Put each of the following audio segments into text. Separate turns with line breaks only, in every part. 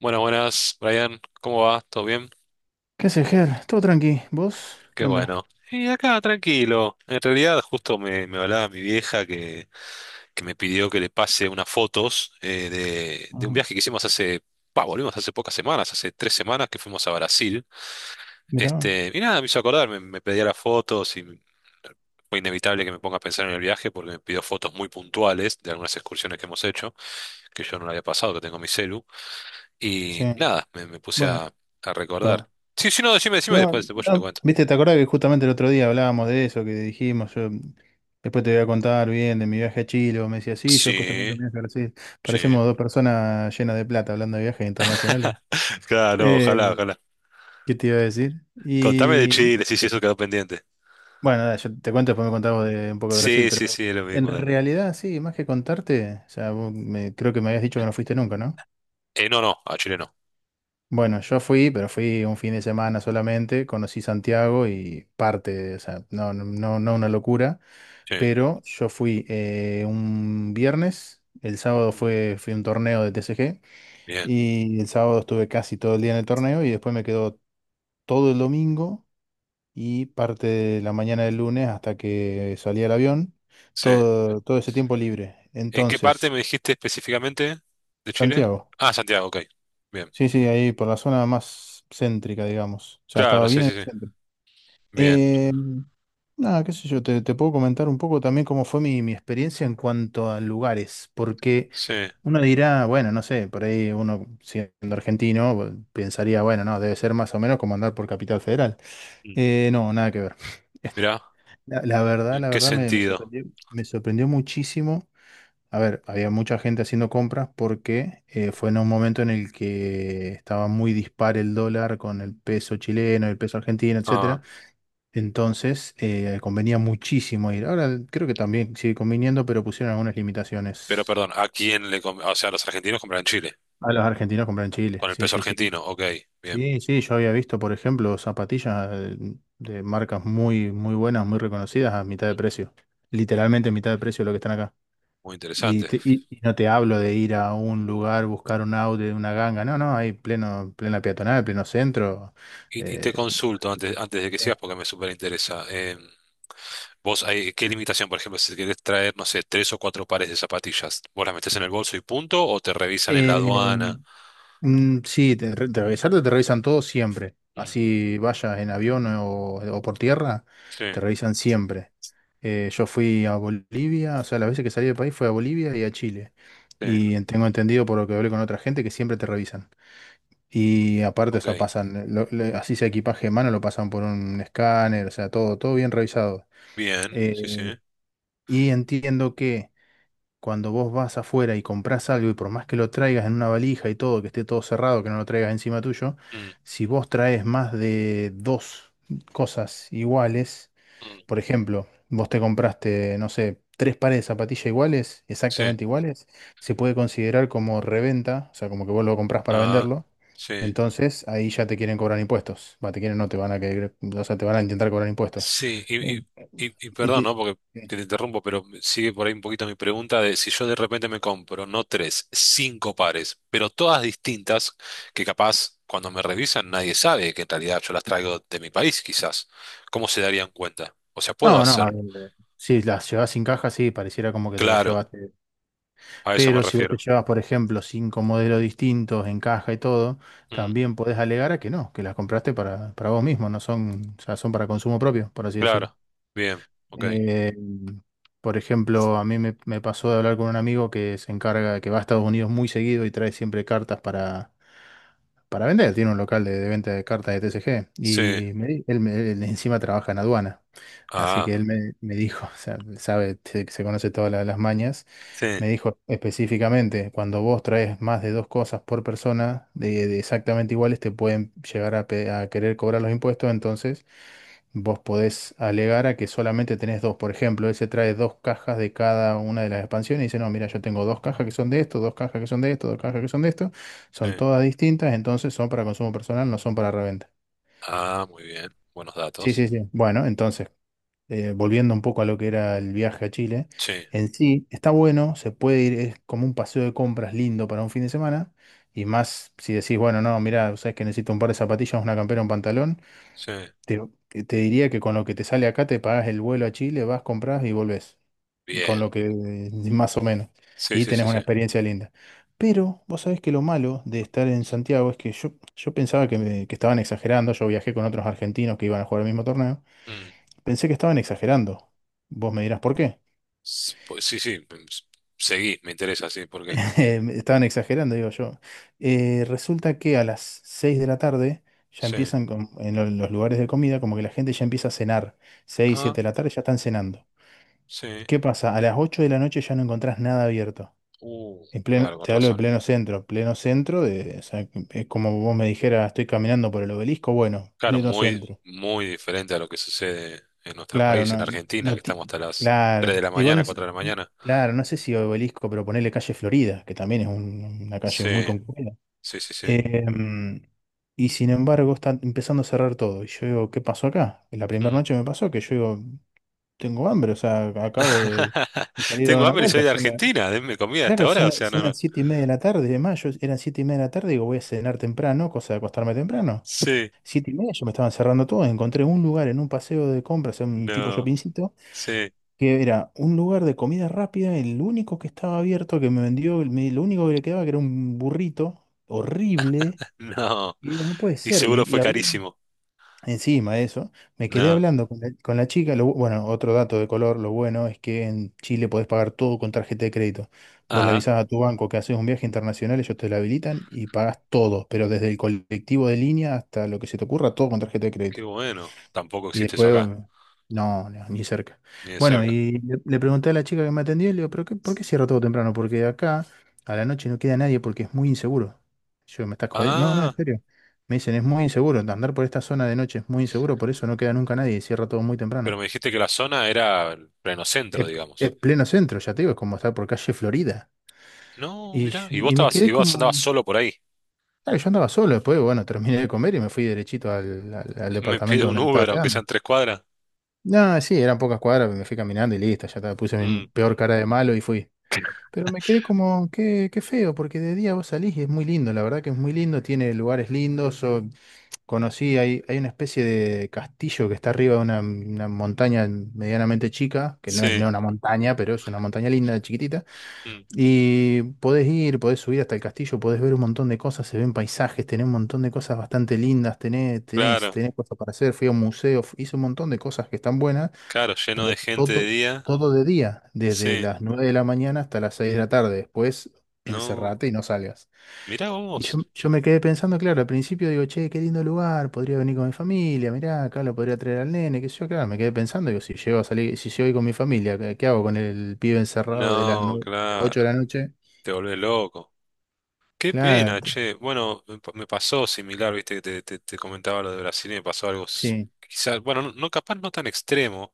Bueno, buenas, Brian, ¿cómo va? ¿Todo bien?
¿Qué haces, Ger? Todo tranqui. ¿Vos?
Qué
¿Qué onda?
bueno. Y acá, tranquilo. En realidad, justo me hablaba mi vieja que me pidió que le pase unas fotos de un
Ajá.
viaje que hicimos volvimos hace pocas semanas, hace 3 semanas que fuimos a Brasil.
Mirá.
Y nada, me hizo acordar, me pedía las fotos y fue inevitable que me ponga a pensar en el viaje porque me pidió fotos muy puntuales de algunas excursiones que hemos hecho, que yo no le había pasado, que tengo en mi celu.
Sí,
Y nada, me puse
bueno,
a
perdón.
recordar. Sí, sí, no, decime, decime y
No,
después, después yo te
no,
cuento.
viste, ¿te acordás que justamente el otro día hablábamos de eso, que dijimos, yo después te voy a contar bien de mi viaje a Chile, vos me decías, sí, yo después te cuento
Sí,
mi viaje a Brasil?
sí.
Parecemos dos personas llenas de plata hablando de viajes internacionales.
Claro, no,
Eh,
ojalá, ojalá.
¿Qué te iba a decir?
Contame de
Y
Chile, sí, sí, eso quedó pendiente.
bueno, nada, yo te cuento, después me contás vos de un poco de Brasil,
Sí, sí,
pero
sí, es lo
en
mismo, dale.
realidad sí, más que contarte, o sea, creo que me habías dicho que no fuiste nunca, ¿no?
No, no, a Chile no.
Bueno, yo fui, pero fui un fin de semana solamente, conocí Santiago y o sea, no, no, no no una locura,
Sí.
pero yo fui un viernes,
Mm,
fui a un torneo de TCG
bien,
y el sábado estuve casi todo el día en el torneo y después me quedó todo el domingo y parte de la mañana del lunes hasta que salí al avión,
sí.
todo, todo ese tiempo libre.
¿En qué parte
Entonces,
me dijiste específicamente de Chile?
Santiago,
Ah, Santiago, ok. Bien.
sí, sí, ahí por la zona más céntrica, digamos, o sea,
Claro,
estaba
sí,
bien en
sí,
el
sí.
centro.
Bien,
Eh, nada, qué sé yo, te puedo comentar un poco también cómo fue mi experiencia en cuanto a lugares, porque
sí.
uno dirá, bueno, no sé, por ahí uno siendo argentino pues, pensaría, bueno, no, debe ser más o menos como andar por Capital Federal.
Mm.
No, nada que ver.
Mirá, ¿en
La
qué
verdad
sentido?
me sorprendió muchísimo. A ver, había mucha gente haciendo compras porque fue en un momento en el que estaba muy dispar el dólar con el peso chileno, el peso argentino, etcétera.
Ah,
Entonces, convenía muchísimo ir. Ahora creo que también sigue conviniendo, pero pusieron algunas
pero
limitaciones
perdón, ¿a quién le O sea, los argentinos compran en Chile,
a los argentinos comprar en Chile.
con el
Sí,
peso
sí, sí.
argentino, ok. Bien,
Sí, sí, yo había visto, por ejemplo, zapatillas de marcas muy, muy buenas, muy reconocidas a mitad de precio. Literalmente a mitad de precio de lo que están acá.
muy interesante.
Y no te hablo de ir a un lugar, buscar un auto de una ganga. No, no, hay pleno, plena peatonal, pleno centro.
Y te
eh,
consulto antes, antes de que sigas porque me súper interesa. Vos, hay, ¿qué limitación? Por ejemplo, si querés traer, no sé, 3 o 4 pares de zapatillas, ¿vos las metés en el bolso y punto? ¿O te revisan en la
eh,
aduana?
Sí, te, re- te revisarte te revisan todo siempre.
Mm,
Así vayas en avión o por tierra,
sí,
te revisan siempre. Yo fui a Bolivia, o sea, las veces que salí del país fui a Bolivia y a Chile.
sí,
Y tengo entendido por lo que hablé con otra gente que siempre te revisan. Y aparte, o sea,
ok.
pasan, así sea equipaje de mano, lo pasan por un escáner, o sea, todo, todo bien revisado.
Bien, sí, sí.
Eh, y entiendo que cuando vos vas afuera y comprás algo y por más que lo traigas en una valija y todo, que esté todo cerrado, que no lo traigas encima tuyo,
Mm,
si vos traes más de dos cosas iguales,
mm,
por ejemplo, vos te compraste, no sé, tres pares de zapatillas iguales,
sí,
exactamente iguales, se puede considerar como reventa, o sea, como que vos lo comprás para
ah,
venderlo.
sí.
Entonces ahí ya te quieren cobrar impuestos. Va, te quieren, no te van a querer, o sea, te van a intentar cobrar impuestos.
Sí,
Eh,
y perdón, ¿no?
este,
Porque te interrumpo, pero sigue por ahí un poquito mi pregunta de si yo de repente me compro, no tres, 5 pares, pero todas distintas, que capaz cuando me revisan nadie sabe que en realidad yo las traigo de mi país, quizás. ¿Cómo se darían cuenta? O sea, puedo
No, no, a
hacerlo.
ver, si las llevas sin caja, sí, pareciera como que te las
Claro,
llevaste.
a eso me
Pero si vos te
refiero.
llevas, por ejemplo, cinco modelos distintos en caja y todo,
Mm,
también podés alegar a que no, que las compraste para vos mismo, no son, o sea, son para consumo propio, por así decirlo.
claro, bien, ok.
Eh, por ejemplo, a mí me pasó de hablar con un amigo que se encarga, que va a Estados Unidos muy seguido y trae siempre cartas para vender, tiene un local de venta de cartas de TCG
Sí,
y me di- él, me- él encima trabaja en aduana, así
ah,
que él me dijo, o sea, sabe, se conoce todas las mañas,
sí,
me dijo específicamente, cuando vos traes más de dos cosas por persona de exactamente iguales, te pueden llegar a, a querer cobrar los impuestos, entonces vos podés alegar a que solamente tenés dos. Por ejemplo, él se trae dos cajas de cada una de las expansiones y dice, no, mira, yo tengo dos cajas que son de esto, dos cajas que son de esto, dos cajas que son de esto.
sí.
Son todas distintas, entonces son para consumo personal, no son para reventa.
Ah, muy bien, buenos
Sí,
datos.
sí, sí. Bueno, entonces, volviendo un poco a lo que era el viaje a Chile,
Sí,
en sí está bueno, se puede ir, es como un paseo de compras lindo para un fin de semana. Y más si decís, bueno, no, mira, sabes que necesito un par de zapatillas, una campera, un pantalón.
sí,
Te, te diría que con lo que te sale acá te pagas el vuelo a Chile, vas, compras y volvés. Con
bien.
lo que más o menos.
Sí,
Y
sí,
tenés
sí, sí.
una experiencia linda. Pero vos sabés que lo malo de estar en Santiago es que yo pensaba que, que estaban exagerando. Yo viajé con otros argentinos que iban a jugar el mismo torneo.
Mm.
Pensé que estaban exagerando. Vos me dirás por qué.
Pues sí, sí, mm, seguí, me interesa, sí, ¿por qué?
Estaban exagerando, digo yo. Resulta que a las 6 de la tarde ya
Sí,
empiezan los lugares de comida, como que la gente ya empieza a cenar. seis siete
ah,
de la tarde ya están cenando.
sí,
¿Qué pasa? A las 8 de la noche ya no encontrás nada abierto.
uh, claro, con
Te hablo de
razón.
pleno centro. Pleno centro de, o sea, es como vos me dijeras, estoy caminando por el obelisco, bueno,
Claro,
pleno
muy,
centro.
muy diferente a lo que sucede en nuestro
Claro,
país, en
no,
Argentina, que
no, ti-
estamos hasta las 3
claro,
de la
igual
mañana, 4 de la mañana.
claro, no sé si obelisco, pero ponerle calle Florida, que también es una calle
Sí,
muy concurrida.
sí, sí, sí.
Em, y sin embargo, está empezando a cerrar todo. Y yo digo, ¿qué pasó acá? En la primera
Mm.
noche me pasó que yo digo, tengo hambre, o sea, acabo de salir a dar
Tengo
una
hambre y soy
vuelta.
de Argentina, denme comida hasta
Claro,
ahora, o sea, no,
son las
no.
7:30 de la tarde, de mayo. Eran 7:30 de la tarde, digo, voy a cenar temprano, cosa de acostarme temprano.
Sí,
7:30 yo me estaban cerrando todo, encontré un lugar en un paseo de compras, en un tipo
no,
shoppingcito,
sí,
que era un lugar de comida rápida, el único que estaba abierto, que me vendió, lo único que le quedaba que era un burrito horrible,
no.
y digo, no puede
Y
ser,
seguro
y
fue
hablé.
carísimo.
Encima de eso, me quedé
No.
hablando con la chica. Lo bueno, otro dato de color, lo bueno es que en Chile podés pagar todo con tarjeta de crédito. Vos le
Ah,
avisás a tu banco que haces un viaje internacional, ellos te la habilitan y pagás todo, pero desde el colectivo de línea hasta lo que se te ocurra, todo con tarjeta de crédito.
qué bueno. Tampoco
Y
existe eso
después,
acá,
no, no, ni cerca.
ni de
Bueno,
cerca.
y le pregunté a la chica que me atendió, y le digo, ¿pero qué, por qué cierra todo temprano? Porque acá a la noche no queda nadie porque es muy inseguro. Yo, ¿me estás jodiendo? No, no, en
Ah,
serio. Me dicen, es muy inseguro, andar por esta zona de noche es muy inseguro, por eso no queda nunca nadie y cierra todo muy
pero
temprano.
me dijiste que la zona era el pleno centro,
Es, es
digamos.
pleno centro, ya te digo, es como estar por calle Florida.
No, mirá, y vos
Y me
estabas, y
quedé
vos
como...
andabas solo por ahí.
Claro, yo andaba solo, después, bueno, terminé de comer y me fui derechito al al
Me pide
departamento
un
donde me estaba
Uber, aunque
quedando.
sean 3 cuadras.
No, sí, eran pocas cuadras, me fui caminando y listo, ya está, puse mi
Mm,
peor cara de malo y fui. Pero me quedé como, qué, qué feo, porque de día vos salís y es muy lindo, la verdad que es muy lindo, tiene lugares lindos. Conocí, hay una especie de castillo que está arriba de una montaña medianamente chica, que no es
sí,
no una montaña, pero es una montaña linda, chiquitita.
mm,
Y podés ir, podés subir hasta el castillo, podés ver un montón de cosas, se ven paisajes, tenés un montón de cosas bastante lindas,
claro,
tenés cosas para hacer, fui a un museo, hice un montón de cosas que están buenas.
claro, lleno
Pero
de gente de
todo,
día.
todo de día, desde
Sí,
las 9 de la mañana hasta las 6 de la tarde. Después
no.
encerrate y no salgas.
Mirá
Y
vos.
yo me quedé pensando, claro, al principio digo, che, qué lindo lugar, podría venir con mi familia, mirá, acá lo podría traer al nene, qué sé yo, claro, me quedé pensando, digo, si llego a salir, si llego a ir con mi familia, qué hago con el pibe encerrado de las
No,
nueve de las ocho de
claro,
la noche?
te volvés loco. Qué pena,
Claro,
che. Bueno, me pasó similar, viste, que te comentaba lo de Brasil y me pasó algo,
sí,
quizás, bueno, no, no, capaz no tan extremo.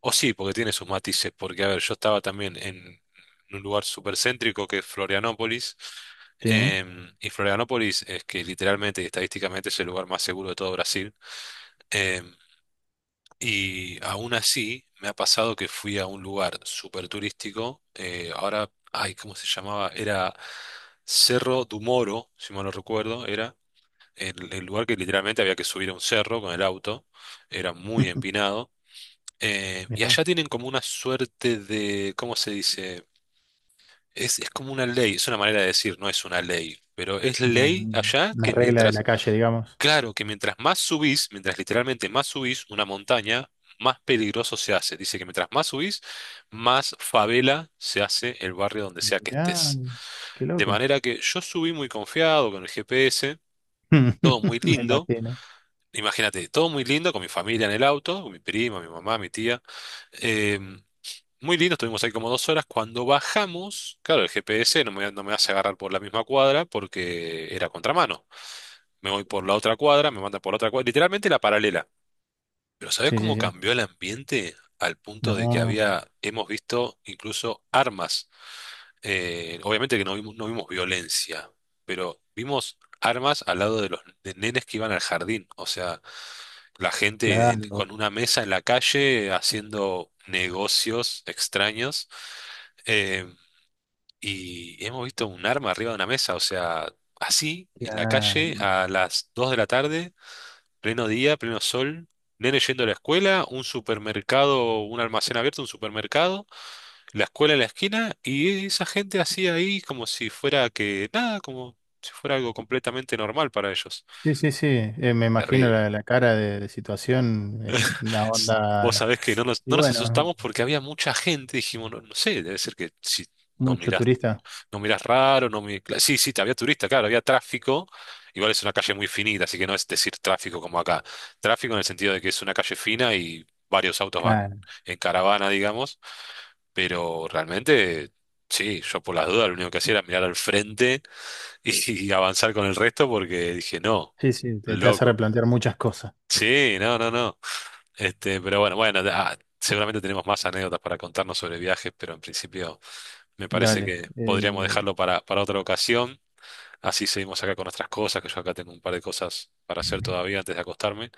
O sí, porque tiene sus matices, porque a ver, yo estaba también en un lugar súper céntrico que es Florianópolis,
sí. ¿eh?
y Florianópolis es que literalmente y estadísticamente es el lugar más seguro de todo Brasil, em, y aún así me ha pasado que fui a un lugar súper turístico, ahora, ay, ¿cómo se llamaba? Era Cerro do Moro, si mal no recuerdo, era el lugar que literalmente había que subir a un cerro con el auto, era muy empinado y
Mirá,
allá tienen como una suerte de, ¿cómo se dice? Es como una ley, es una manera de decir, no es una ley, pero es
una,
ley allá
una
que
regla de
mientras,
la calle, digamos.
claro, que mientras más subís, mientras literalmente más subís una montaña, más peligroso se hace. Dice que mientras más subís, más favela se hace el barrio donde sea que
Mirá,
estés.
qué
De
loco.
manera que yo subí muy confiado con el GPS, todo muy
Me
lindo.
imagino.
Imagínate, todo muy lindo con mi familia en el auto, con mi prima, mi mamá, mi tía. em, muy lindo, estuvimos ahí como 2 horas. Cuando bajamos, claro, el GPS no me hace agarrar por la misma cuadra porque era contramano. Me voy por la otra cuadra, me manda por la otra cuadra, literalmente la paralela. Pero ¿sabes
Sí, sí,
cómo
sí.
cambió el ambiente al punto de que
No,
había, hemos visto incluso armas? Obviamente que no vimos, no vimos violencia, pero vimos armas al lado de los de nenes que iban al jardín. O sea, la gente
claro,
con una mesa en la calle haciendo negocios extraños. eh, y hemos visto un arma arriba de una mesa. O sea, así, en la calle,
claro.
a las 2 de la tarde. Pleno día, pleno sol, nene yendo a la escuela, un supermercado, un almacén abierto, un supermercado, la escuela en la esquina y esa gente así ahí como si fuera que nada, como si fuera algo completamente normal para ellos.
Sí, sí, sí. Me imagino
Terrible.
la cara de situación, es una
S- Vos
onda.
sabés que no nos,
Y
no nos
bueno,
asustamos porque había mucha gente, dijimos, no, no sé, debe ser que si nos
mucho
mirás.
turista.
No miras raro, no mi- cla- Sí, sí, había turista, claro, había tráfico. Igual es una calle muy finita, así que no es decir tráfico como acá. Tráfico en el sentido de que es una calle fina y varios autos van
Claro.
en caravana, digamos. Pero realmente, sí, yo por las dudas lo único que hacía era mirar al frente y, y avanzar con el resto porque dije, no,
Sí, sí, te hace
loco.
replantear muchas cosas.
Sí, no, no, no. Pero bueno, bueno, ah, seguramente tenemos más anécdotas para contarnos sobre viajes, pero en principio me parece
Dale.
que podríamos dejarlo para otra ocasión. Así seguimos acá con nuestras cosas, que yo acá tengo un par de cosas para hacer todavía antes de acostarme.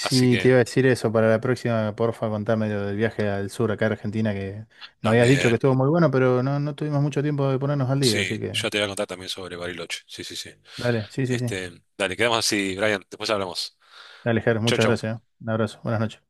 Así
te iba
que
a decir eso para la próxima, porfa, contame lo del viaje al sur acá a Argentina, que me habías dicho que
también,
estuvo muy bueno, pero no, no tuvimos mucho tiempo de ponernos al día,
sí,
así que
yo te voy a contar también sobre Bariloche. Sí, sí, sí.
dale, sí, sí, sí.
Dale, quedamos así, Brian. Después hablamos.
Dale, Ger,
Chau,
muchas
chau.
gracias. ¿Eh? Un abrazo, buenas noches.